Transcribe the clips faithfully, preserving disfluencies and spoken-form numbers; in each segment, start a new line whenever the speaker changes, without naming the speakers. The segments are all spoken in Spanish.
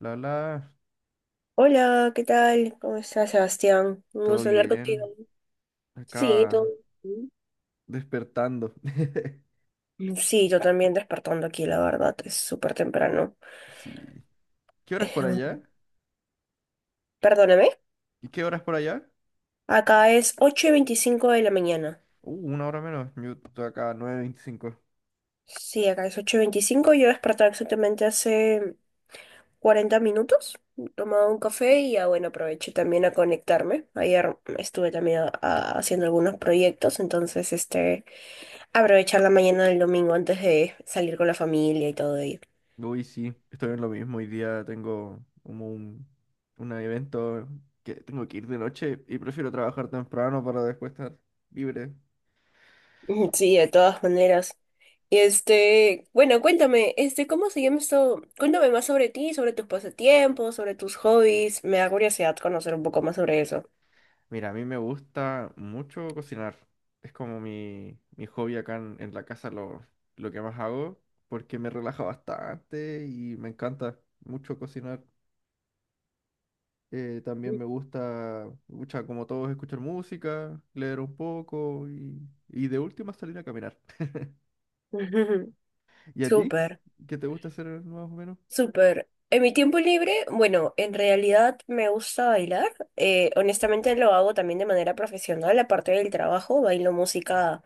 La la,
Hola, ¿qué tal? ¿Cómo estás, Sebastián? Un
todo
gusto hablar contigo.
bien.
Sí, todo
Acá
bien.
despertando.
Mm, sí, yo también despertando aquí, la verdad, es súper temprano.
Sí. ¿Qué horas
Eh,
por allá?
un- Perdóname.
¿Y qué horas por allá?
Acá es ocho y veinticinco de la mañana.
Uh, una hora menos. Yo estoy acá nueve veinticinco.
Sí, acá es ocho y veinticinco. Yo desperté exactamente hace cuarenta minutos. Tomaba un café y ya, bueno, aproveché también a conectarme. Ayer estuve también a- a- haciendo algunos proyectos, entonces, este, aprovechar la mañana del domingo antes de salir con la familia y todo ello.
Uy, sí, estoy en lo mismo. Hoy día tengo como un, un evento que tengo que ir de noche y prefiero trabajar temprano para después estar libre.
Ujú, sí, de todas maneras. Y este, bueno, cuéntame, este, ¿cómo se llama esto? Cuéntame más sobre ti, sobre tus pasatiempos, sobre tus hobbies. Me da curiosidad conocer un poco más sobre eso.
Mira, a mí me gusta mucho cocinar. Es como mi, mi hobby acá en, en la casa, lo, lo que más hago, porque me relaja bastante y me encanta mucho cocinar. Eh, también me gusta, mucha, como todos, escuchar música, leer un poco y, y de última salir a caminar.
Ujú,
¿Y a ti?
súper.
¿Qué te gusta hacer más o menos?
Súper. En mi tiempo libre, bueno, en realidad me gusta bailar. Eh, honestamente lo hago también de manera profesional, aparte del trabajo, bailo música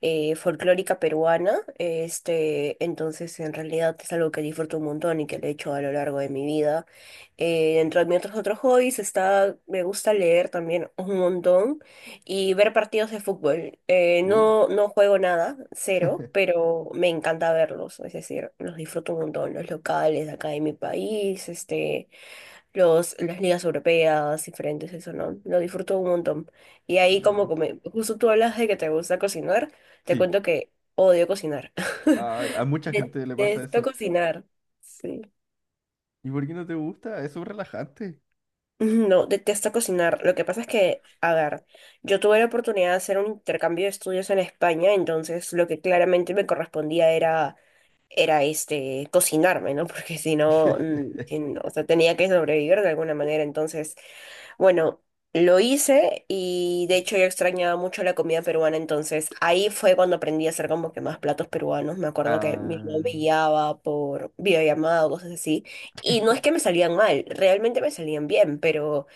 eh, folclórica peruana. Este, entonces, en realidad es algo que disfruto un montón y que lo he hecho a lo largo de mi vida. Eh, dentro de mis otros, otros hobbies está, me gusta leer también un montón y ver partidos de fútbol. Eh,
Uh,
no, no juego nada, cero, pero me encanta verlos, es decir, los disfruto un montón, los locales de acá de mi país, este, los, las ligas europeas, diferentes, eso, ¿no? Lo disfruto un montón. Y ahí como,
genial.
come- justo tú hablas de que te gusta cocinar, te
Sí,
cuento que odio cocinar.
a, a mucha gente le pasa
Detesto
eso.
cocinar. Sí.
¿Y por qué no te gusta? Es un relajante.
No, detesto cocinar. Lo que pasa es que, a ver, yo tuve la oportunidad de hacer un intercambio de estudios en España, entonces lo que claramente me correspondía era, era este, cocinarme, ¿no? Porque si no, mm, si no, o sea, tenía que sobrevivir de alguna manera. Entonces, bueno, lo hice y de hecho yo extrañaba mucho la comida peruana, entonces ahí fue cuando aprendí a hacer como que más platos peruanos. Me acuerdo que mi mamá me
Ah.
guiaba por videollamada o cosas así. Y no es que me salían mal, realmente me salían bien, pero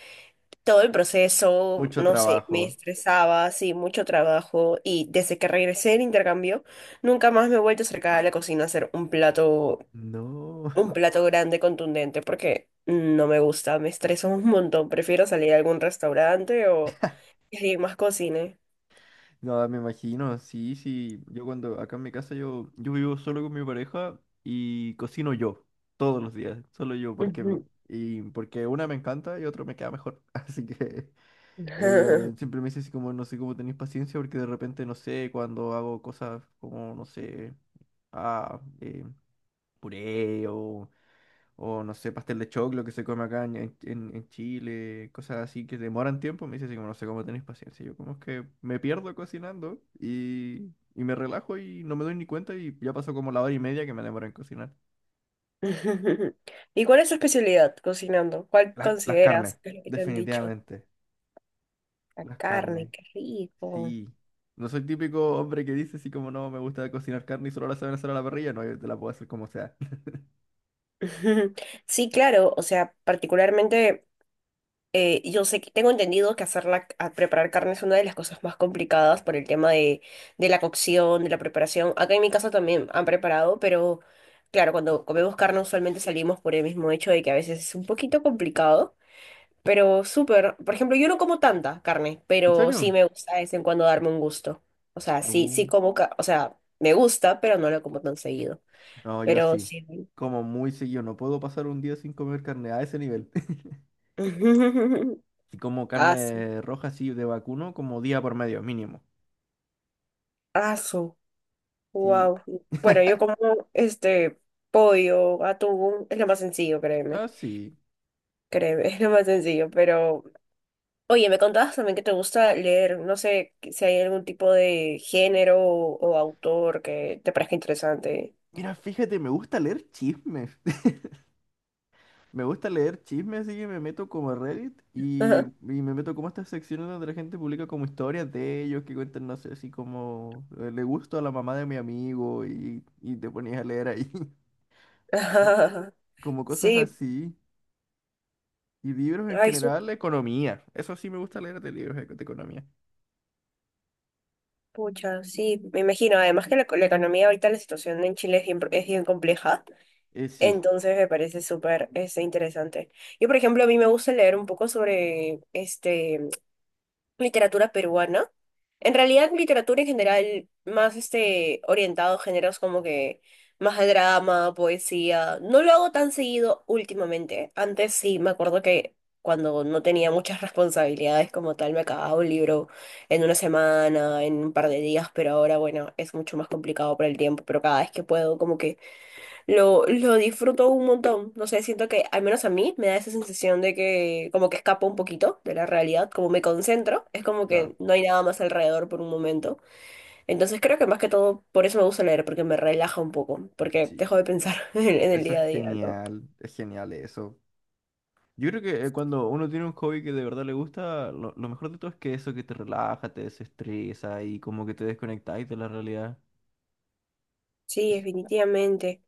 todo el proceso,
Mucho
no sé, me
trabajo.
estresaba, sí, mucho trabajo y desde que regresé del intercambio, nunca más me he vuelto a acercar a la cocina a hacer un plato,
No,
un plato grande, contundente, porque no me gusta, me estreso un montón, prefiero salir a algún restaurante o que alguien más cocine.
no, me imagino, sí, sí. Yo cuando acá en mi casa yo, yo vivo solo con mi pareja y cocino yo todos los días, solo yo, porque
Ujú.
y porque una me encanta y otro me queda mejor. Así que ella siempre me dice así como no sé cómo tenéis paciencia porque de repente no sé cuando hago cosas como no sé, ah, eh, puré o O no sé, pastel de choclo que se come acá en, en- en- en Chile, cosas así que demoran tiempo. Me dice así como, no sé cómo tenéis paciencia. Yo como es que me pierdo cocinando y, y me relajo y no me doy ni cuenta y ya pasó como la hora y media que me demora en cocinar.
¿Y cuál es tu especialidad cocinando? ¿Cuál
La- las
consideras
carnes,
que es lo que te han dicho?
definitivamente.
La
Las
carne,
carnes,
qué rico.
sí. No soy típico hombre que dice así como, no, me gusta cocinar carne y solo la saben hacer a la parrilla. No, yo te la puedo hacer como sea.
Sí, claro, o sea, particularmente... Eh, yo sé que tengo entendido que hacer la, a preparar carne es una de las cosas más complicadas por el tema de, de la cocción, de la preparación. Acá en mi casa también han preparado, pero claro, cuando comemos carne usualmente salimos por el mismo hecho de que a veces es un poquito complicado, pero súper. Por ejemplo, yo no como tanta carne,
¿En
pero sí
serio?
me gusta de vez en cuando darme un gusto. O sea, sí,
Uh,
sí como, ca- o sea, me gusta, pero no lo como tan seguido.
no, yo
Pero
sí.
sí.
Como muy seguido. No puedo pasar un día sin comer carne a ese nivel. Si como
Aso,
carne roja así de vacuno, como día por medio, mínimo.
aso.
Sí.
Wow. Bueno, yo como este pollo, atún, es lo más sencillo, créeme.
Ah, sí.
Créeme, es lo más sencillo. Pero, oye, me contabas también que te gusta leer. No sé si hay algún tipo de género o, o autor que te parezca interesante.
Mira, fíjate, me gusta leer chismes. Me gusta leer chismes, así que me meto como a Reddit y, y
Ajá.
me meto como a estas secciones donde la gente publica como historias de ellos que cuentan, no sé, así como eh, le gusto a la mamá de mi amigo y, y te ponías a leer ahí. que son como cosas
Sí,
así. Y libros en
ay, su
general, economía. Eso sí me gusta leer de libros de de economía.
pucha, sí, me imagino. Además que la, la economía ahorita, la situación en Chile es bien, es bien compleja.
Eh, sí,
Entonces me parece súper este, interesante. Yo, por ejemplo, a mí me gusta leer un poco sobre este. literatura peruana. En realidad, literatura en general, más este, orientado a géneros como que más de drama, poesía. No lo hago tan seguido últimamente. Antes sí, me acuerdo que cuando no tenía muchas responsabilidades como tal, me acababa un libro en una semana, en un par de días, pero ahora, bueno, es mucho más complicado por el tiempo, pero cada vez que puedo, como que lo, lo disfruto un montón. No sé, siento que al menos a mí me da esa sensación de que como que escapo un poquito de la realidad, como me concentro, es como
claro.
que no hay nada más alrededor por un momento. Entonces creo que más que todo por eso me gusta leer, porque me relaja un poco, porque
Sí.
dejo de pensar en, el en el
Eso es
día a día, ¿no?
genial, es genial eso. Yo creo que eh, cuando uno tiene un hobby que de verdad le gusta, lo, lo mejor de todo es que eso que te relaja, te desestresa y como que te desconectáis de la realidad.
Sí,
Es-
definitivamente.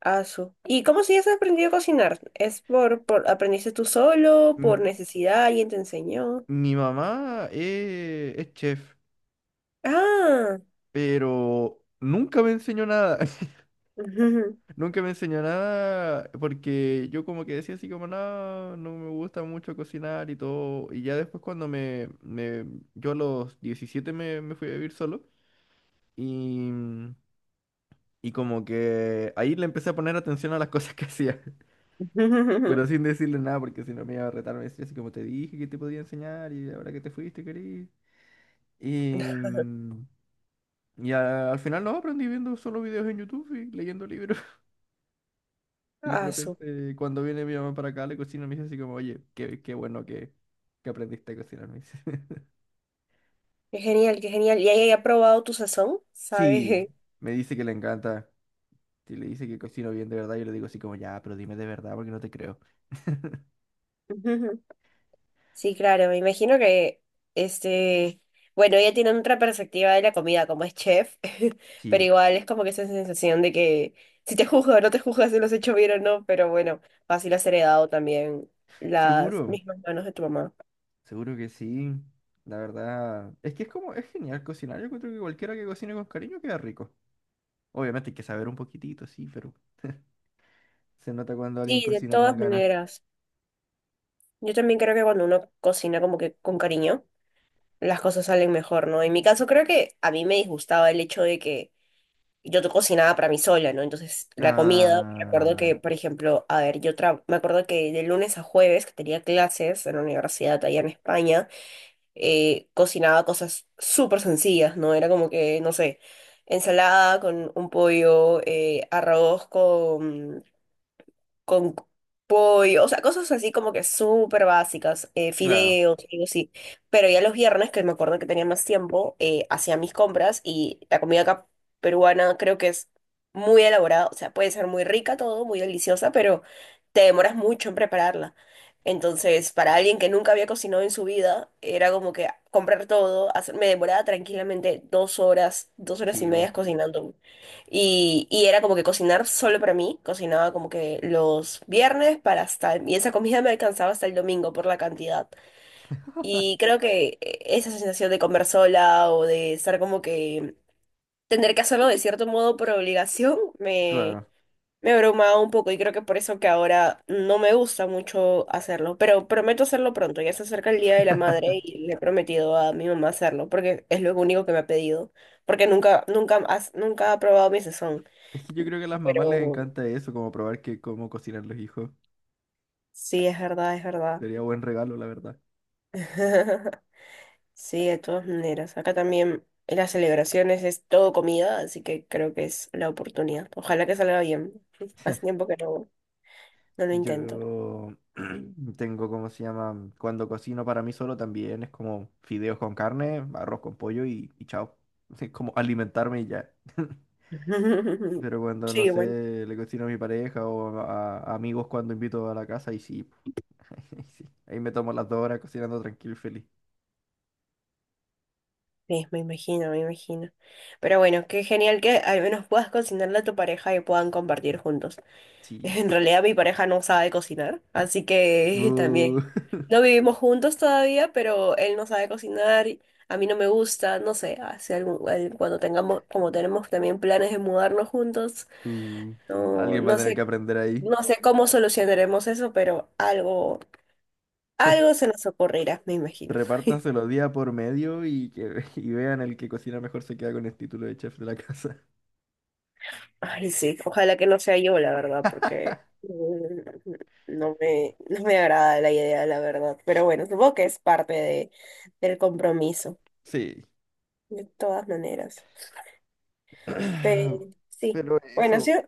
Asu. ¿Y cómo si has aprendido a cocinar? ¿Es por, por aprendiste tú solo, por
M-
necesidad, alguien te enseñó?
Mi mamá eh, es chef,
Ah.
pero nunca me enseñó nada. Nunca me enseñó nada porque yo como que decía así como, no, no me gusta mucho cocinar y todo. Y ya después cuando me, me- yo a los diecisiete me, me fui a vivir solo. Y Y como que ahí le empecé a poner atención a las cosas que hacía, pero sin decirle nada porque si no me iba a retar, me decía así como te dije que te podía enseñar y ahora que te fuiste, querido. Y, mm, y a- al final no, aprendí viendo solo videos en YouTube y leyendo libros. Y de
Asu.
repente cuando viene mi mamá para acá, le cocina, me dice así como, oye, qué, qué bueno que, que aprendiste a cocinar, me dice.
Qué genial, qué genial. ¿Y ahí ha probado tu sazón?
Sí,
¿Sabes?
me dice que le encanta. Si le dice que cocino bien de verdad, yo le digo así como, ya, pero dime de verdad porque no te creo.
Ujú. Sí, claro, me imagino que, este, bueno, ella tiene otra perspectiva de la comida, como es chef, pero
Sí,
igual es como que esa sensación de que si te juzgo o no te juzgas si lo has hecho bien o no, pero bueno, fácil has heredado también las
seguro.
mismas manos de tu mamá.
Seguro que sí. La verdad, es que es como, es genial cocinar. Yo creo que cualquiera que cocine con cariño queda rico. Obviamente hay que saber un poquitito, sí, pero se nota cuando alguien
Sí, de
cocina con
todas
ganas.
maneras. Yo también creo que cuando uno cocina como que con cariño, las cosas salen mejor, ¿no? En mi caso creo que a mí me disgustaba el hecho de que yo to- cocinaba para mí sola, ¿no? Entonces, la comida, me acuerdo
Ah,
que, por ejemplo, a ver, yo tra- me acuerdo que de lunes a jueves, que tenía clases en la universidad allá en España, eh, cocinaba cosas súper sencillas, ¿no? Era como que, no sé, ensalada con un pollo, eh, arroz con con pollo, o sea, cosas así como que súper básicas, eh,
claro,
fideos, algo así. Pero ya los viernes, que me acuerdo que tenía más tiempo, eh, hacía mis compras y la comida acá peruana creo que es muy elaborada, o sea, puede ser muy rica todo, muy deliciosa, pero te demoras mucho en prepararla. Entonces, para alguien que nunca había cocinado en su vida, era como que comprar todo, hacer- me demoraba tranquilamente dos horas, dos horas y
sí, bu-
media cocinando. Y, y era como que cocinar solo para mí, cocinaba como que los viernes para hasta, y esa comida me alcanzaba hasta el domingo por la cantidad. Y creo que eh, esa sensación de comer sola o de estar como que tener que hacerlo de cierto modo por obligación me,
claro.
me abrumaba un poco y creo que por eso que ahora no me gusta mucho hacerlo, pero prometo hacerlo pronto, ya se acerca el Día de la Madre y le he prometido a mi mamá hacerlo porque es lo único que me ha pedido, porque nunca, nunca, has- nunca ha probado mi sazón.
Es que yo creo que a las mamás les
Pero
encanta eso, como probar que cómo cocinan los hijos.
sí, es verdad, es verdad.
Sería buen regalo, la verdad.
Sí, de todas maneras. Acá también en las celebraciones es todo comida, así que creo que es la oportunidad. Ojalá que salga bien. Hace tiempo que no, no lo intento.
Yo tengo, ¿cómo se llama? Cuando cocino para mí solo también es como fideos con carne, arroz con pollo y, y chao. Es como alimentarme y ya. Pero cuando, no
Sí, bueno.
sé, le cocino a mi pareja o a, a amigos cuando invito a la casa y sí, ahí sí. Ahí me tomo las dos horas cocinando tranquilo y feliz.
Sí, me imagino, me imagino. Pero bueno, qué genial que al menos puedas cocinarle a tu pareja y puedan compartir juntos.
Sí.
En realidad mi pareja no sabe cocinar, así que también
Uh,
no vivimos juntos todavía, pero él no sabe cocinar, y a mí no me gusta, no sé, hace algún- al- cuando tengamos, como tenemos también planes de mudarnos juntos,
uh.
no,
Alguien va a
no
tener que
sé,
aprender ahí.
no sé cómo solucionaremos eso, pero algo, algo se nos ocurrirá, me imagino.
Repártanse los días por medio y que y vean el que cocina mejor se queda con el título de chef de la casa.
Ay, sí, ojalá que no sea yo, la verdad, porque mm, no me, no me agrada la idea, la verdad. Pero bueno, supongo que es parte de, del compromiso,
Sí.
de todas maneras. Pero sí,
Pero
bueno, ha
eso,
sido,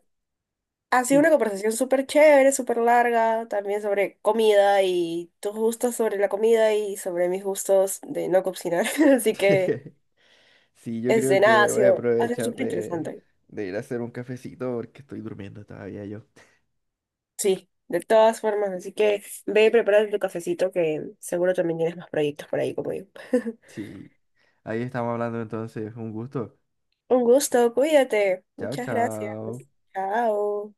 ha sido
yo-
una conversación súper chévere, súper larga, también sobre comida y tus gustos sobre la comida y sobre mis gustos de no cocinar. Así que,
sí, yo
este,
creo
nada,
que
ha
voy a
sido, ha sido
aprovechar
súper
de,
interesante.
de ir a hacer un cafecito porque estoy durmiendo todavía yo.
Sí, de todas formas, así que ve y prepárate tu cafecito que seguro también tienes más proyectos por ahí como yo.
Sí, ahí estamos hablando entonces, un gusto.
Un gusto, cuídate.
Chao,
Muchas gracias.
chao.
Chao.